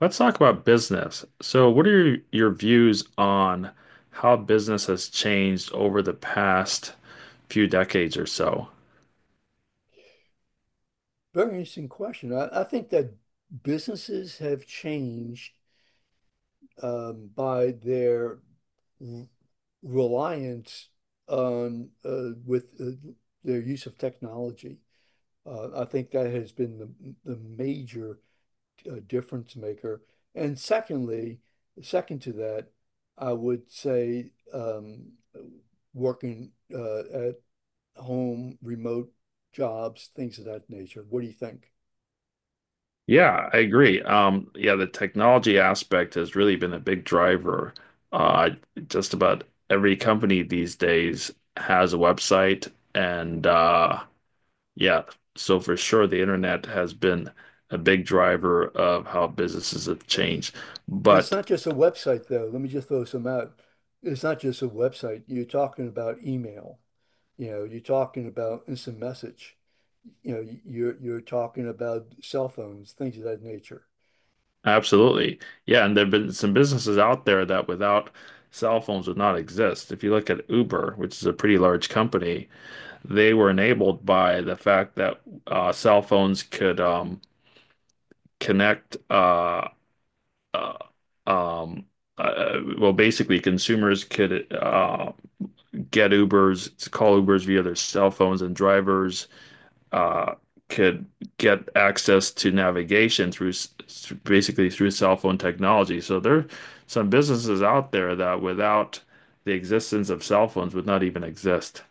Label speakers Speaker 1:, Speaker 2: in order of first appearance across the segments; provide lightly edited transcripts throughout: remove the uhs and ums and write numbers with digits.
Speaker 1: Let's talk about business. So, what are your views on how business has changed over the past few decades or so?
Speaker 2: Very interesting question. I think that businesses have changed by their r- reliance on with their use of technology. I think that has been the major difference maker. And secondly, second to that, I would say working at home, remote jobs, things of that nature. What do you think?
Speaker 1: Yeah, I agree. Yeah, the technology aspect has really been a big driver. Uh, just about every company these days has a website, and yeah, so for sure, the internet has been a big driver of how businesses have changed.
Speaker 2: But it's
Speaker 1: But
Speaker 2: not just a website, though. Let me just throw some out. It's not just a website. You're talking about email. You know, you're talking about instant message. You know, you're talking about cell phones, things of that nature.
Speaker 1: absolutely. Yeah, and there've been some businesses out there that without cell phones would not exist. If you look at Uber, which is a pretty large company, they were enabled by the fact that cell phones could connect uh, um, well, basically consumers could get Ubers, call Ubers via their cell phones, and drivers uh, could get access to navigation through basically through cell phone technology. So there are some businesses out there that without the existence of cell phones would not even exist.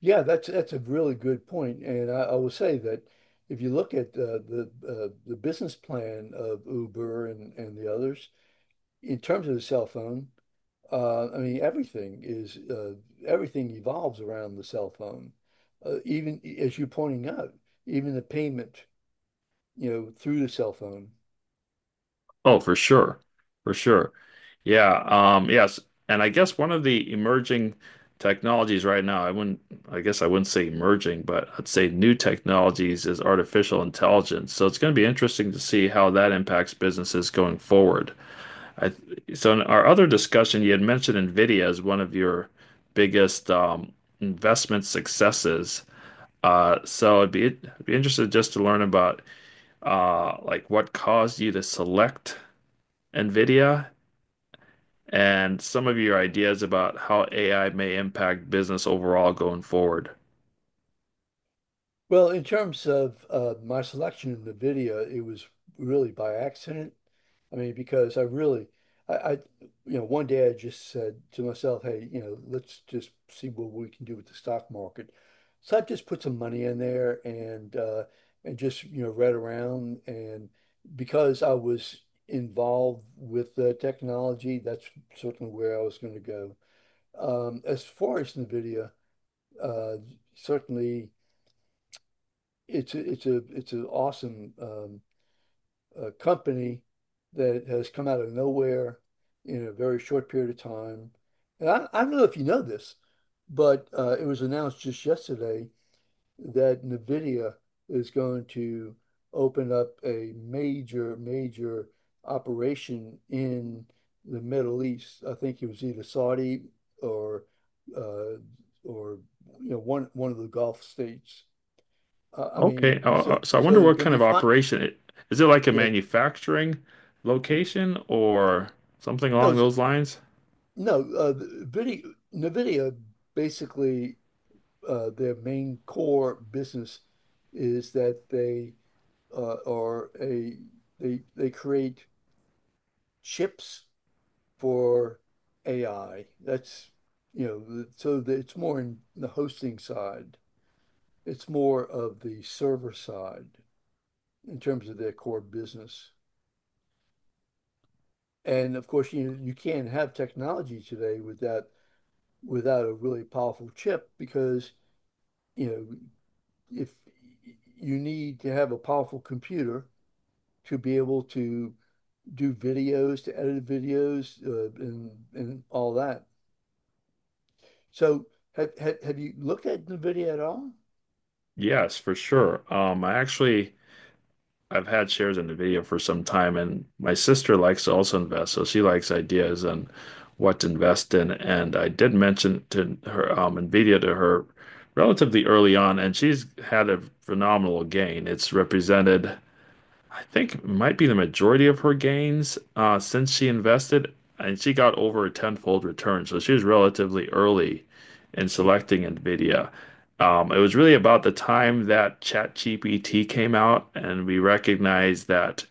Speaker 2: Yeah, that's a really good point, and I will say that if you look at the business plan of Uber and the others in terms of the cell phone. I mean, everything is everything evolves around the cell phone. Even as you're pointing out, even the payment, you know, through the cell phone.
Speaker 1: Oh, for sure. For sure. Yeah. Yes. And I guess one of the emerging technologies right now, I guess I wouldn't say emerging, but I'd say new technologies is artificial intelligence. So it's going to be interesting to see how that impacts businesses going forward. I So in our other discussion, you had mentioned NVIDIA as one of your biggest investment successes. So I'd be interested just to learn about like what caused you to select NVIDIA and some of your ideas about how AI may impact business overall going forward.
Speaker 2: Well, in terms of my selection of the video, it was really by accident. I mean, because I really, I, I, you know, one day I just said to myself, hey, you know, let's just see what we can do with the stock market. So I just put some money in there and just you know read around and because I was involved with technology, that's certainly where I was going to go. As far as the video, uh, certainly it's an awesome company that has come out of nowhere in a very short period of time. And I don't know if you know this, but it was announced just yesterday that NVIDIA is going to open up a major, major operation in the Middle East. I think it was either Saudi or uh, or you know one of the Gulf states I mean,
Speaker 1: Okay, so I
Speaker 2: so
Speaker 1: wonder
Speaker 2: it's
Speaker 1: what
Speaker 2: gonna
Speaker 1: kind
Speaker 2: be
Speaker 1: of
Speaker 2: fine.
Speaker 1: operation it, is it like a
Speaker 2: Yeah,
Speaker 1: manufacturing location or something
Speaker 2: no,
Speaker 1: along
Speaker 2: s-
Speaker 1: those lines?
Speaker 2: no. NVIDIA basically their main core business is that they are a they create chips for AI. That's you know, the- So that it's more in the hosting side. It's more of the server side in terms of their core business. And of course, you know, you can't have technology today without without a really powerful chip because, you know, if you need to have a powerful computer to be able to do videos, to edit videos, and all that. So have you looked at NVIDIA at all?
Speaker 1: Yes, for sure. I've had shares in NVIDIA for some time, and my sister likes to also invest, so she likes ideas on what to invest in. And I did mention to her NVIDIA to her relatively early on, and she's had a phenomenal gain. It's represented I think it might be the majority of her gains since she invested, and she got over a tenfold return. So she was relatively early in
Speaker 2: Gee,
Speaker 1: selecting NVIDIA. It was really about the time that ChatGPT came out, and we recognized that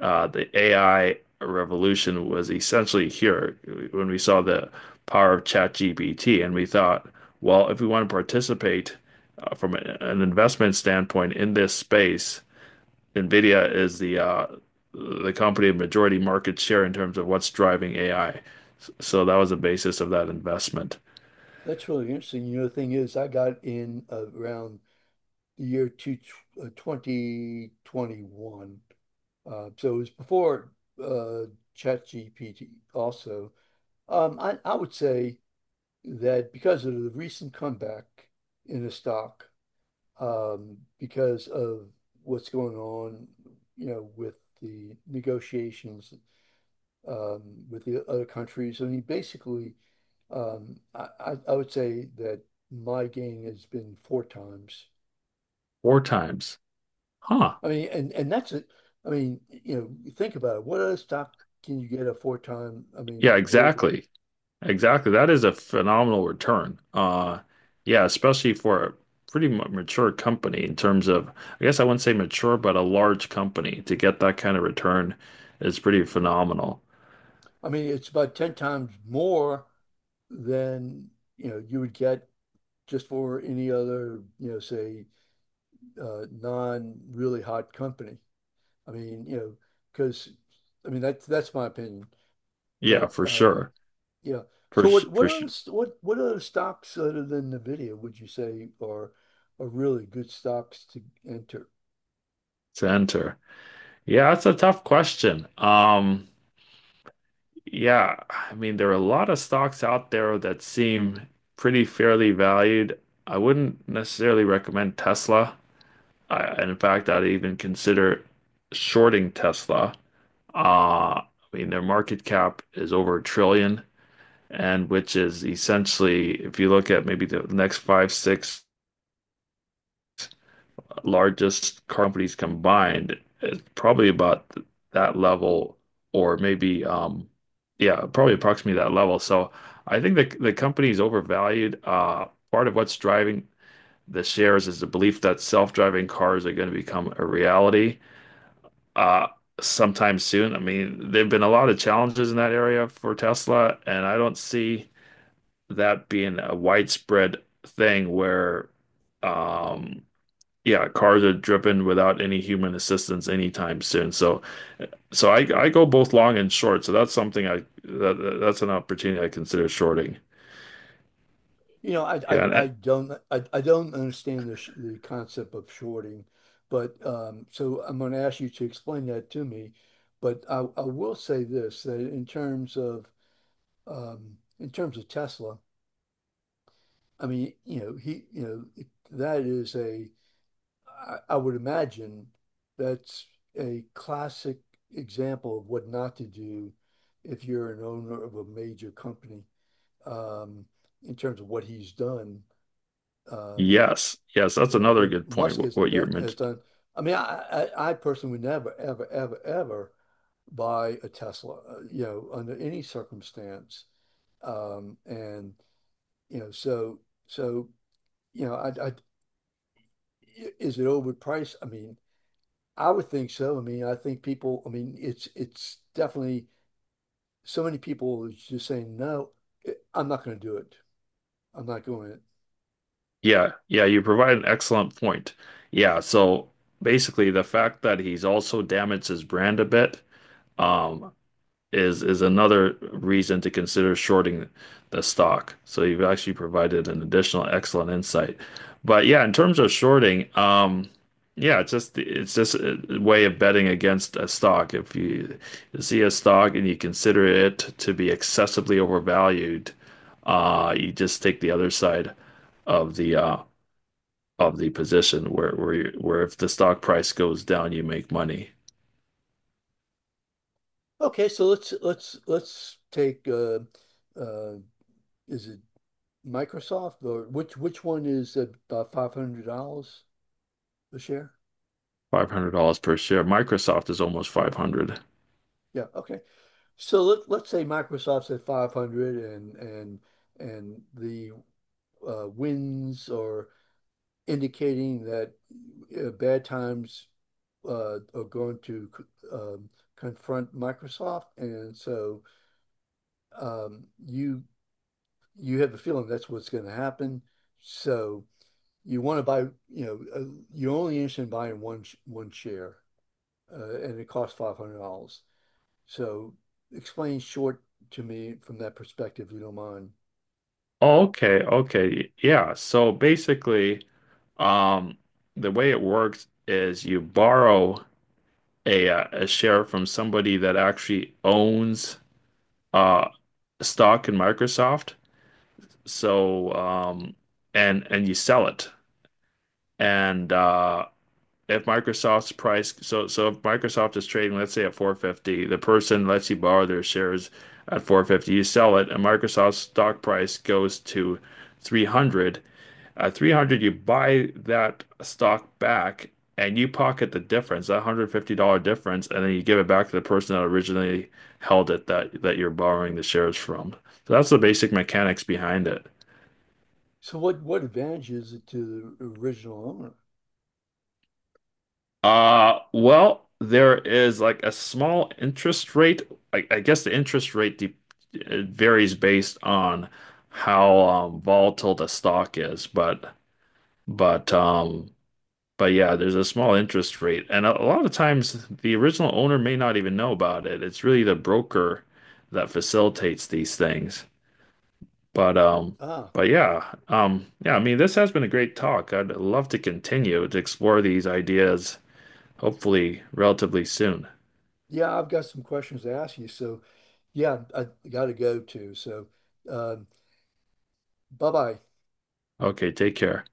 Speaker 1: the AI revolution was essentially here when we saw the power of ChatGPT, and we thought, well, if we want to participate from an investment standpoint in this space, NVIDIA is the company of majority market share in terms of what's driving AI. So that was the basis of that investment.
Speaker 2: that's really interesting. You know, the thing is, I got in around the year 2021. So it was before uh, ChatGPT also. I would say that because of the recent comeback in the stock, because of what's going on, you know, with the negotiations um, with the other countries. I mean, basically, I would say that my gain has been four times.
Speaker 1: Four times. Huh.
Speaker 2: I mean, and that's it. I mean, you know, think about it. What other stock can you get a four time? I mean,
Speaker 1: Yeah,
Speaker 2: over.
Speaker 1: exactly. Exactly. That is a phenomenal return. Yeah, especially for a pretty mature company in terms of, I guess I wouldn't say mature, but a large company to get that kind of return is pretty phenomenal.
Speaker 2: I mean, it's about ten times more than you know you would get just for any other, you know, say, non really hot company. I mean, you know, because I mean that's my opinion.
Speaker 1: Yeah,
Speaker 2: But
Speaker 1: for sure.
Speaker 2: yeah.
Speaker 1: For,
Speaker 2: So
Speaker 1: s-
Speaker 2: what
Speaker 1: for s-
Speaker 2: other st- what other stocks other than Nvidia would you say are really good stocks to enter?
Speaker 1: to enter. Yeah, that's a tough question. Yeah, I mean, there are a lot of stocks out there that seem pretty fairly valued. I wouldn't necessarily recommend Tesla. And in fact, I'd even consider shorting Tesla. I mean, their market cap is over a trillion, and which is essentially, if you look at maybe the next five, six largest car companies combined is probably about that level, or maybe yeah, probably approximately that level. So I think the company is overvalued. Part of what's driving the shares is the belief that self-driving cars are going to become a reality uh sometime soon. I mean, there've been a lot of challenges in that area for Tesla, and I don't see that being a widespread thing where um yeah, cars are driven without any human assistance anytime soon. So, so I go both long and short. So that's something that's an opportunity I consider shorting.
Speaker 2: You know, I I,
Speaker 1: Yeah, and,
Speaker 2: I don't I, I don't understand the concept of shorting, but so I'm going to ask you to explain that to me. But I will say this, that in terms of in terms of Tesla, I mean, you know, he, you know, it, that is a, I would imagine that's a classic example of what not to do if you're an owner of a major company. Um, in terms of what he's done, um,
Speaker 1: yes, yes, that's another
Speaker 2: what
Speaker 1: good point.
Speaker 2: Musk has,
Speaker 1: What you're
Speaker 2: has
Speaker 1: meant.
Speaker 2: done. I mean, I personally would never, ever, ever, ever buy a Tesla, you know, under any circumstance. And You know, so you know, I is it overpriced? I mean, I would think so. I mean, I think people. I mean, it's definitely so many people is just saying no. I'm not going to do it. I'm not going it.
Speaker 1: Yeah, yeah, you provide an excellent point. Yeah, so basically the fact that he's also damaged his brand a bit, um, is another reason to consider shorting the stock. So you've actually provided an additional excellent insight. But yeah, in terms of shorting, yeah, it's just a way of betting against a stock. If you see a stock and you consider it to be excessively overvalued, you just take the other side of the uh, of the position, where you, where if the stock price goes down, you make money.
Speaker 2: Okay, so let's take uh, is it Microsoft or which one is about $500 a share?
Speaker 1: $500 per share. Microsoft is almost 500.
Speaker 2: Yeah, okay. So let's say Microsoft's at 500 and and the Winds or indicating that bad times are going to um, confront Microsoft, and so um, you you have a feeling that's what's going to happen. So you want to buy, you know, you're only interested in buying one share, and it costs $500. So explain short to me from that perspective, if you don't mind.
Speaker 1: Okay, okay. Yeah. So basically, um, the way it works is you borrow a share from somebody that actually owns uh stock in Microsoft. So um and you sell it. And If Microsoft's price, if Microsoft is trading, let's say at 450, the person lets you borrow their shares at 450, you sell it, and Microsoft's stock price goes to 300. At 300, you buy that stock back and you pocket the difference, that $150 difference, and then you give it back to the person that originally held it, that that you're borrowing the shares from. So that's the basic mechanics behind it.
Speaker 2: So what advantage is it to the original owner?
Speaker 1: Well, there is like a small interest rate. I guess the interest rate de it varies based on how volatile the stock is, but but um but yeah, there's a small interest rate, and a lot of times the original owner may not even know about it. It's really the broker that facilitates these things. But um
Speaker 2: Ah,
Speaker 1: but yeah, yeah, I mean this has been a great talk. I'd love to continue to explore these ideas hopefully relatively soon.
Speaker 2: yeah, I've got some questions to ask you. So, yeah, I got to go too. So, um, bye bye.
Speaker 1: Okay, take care.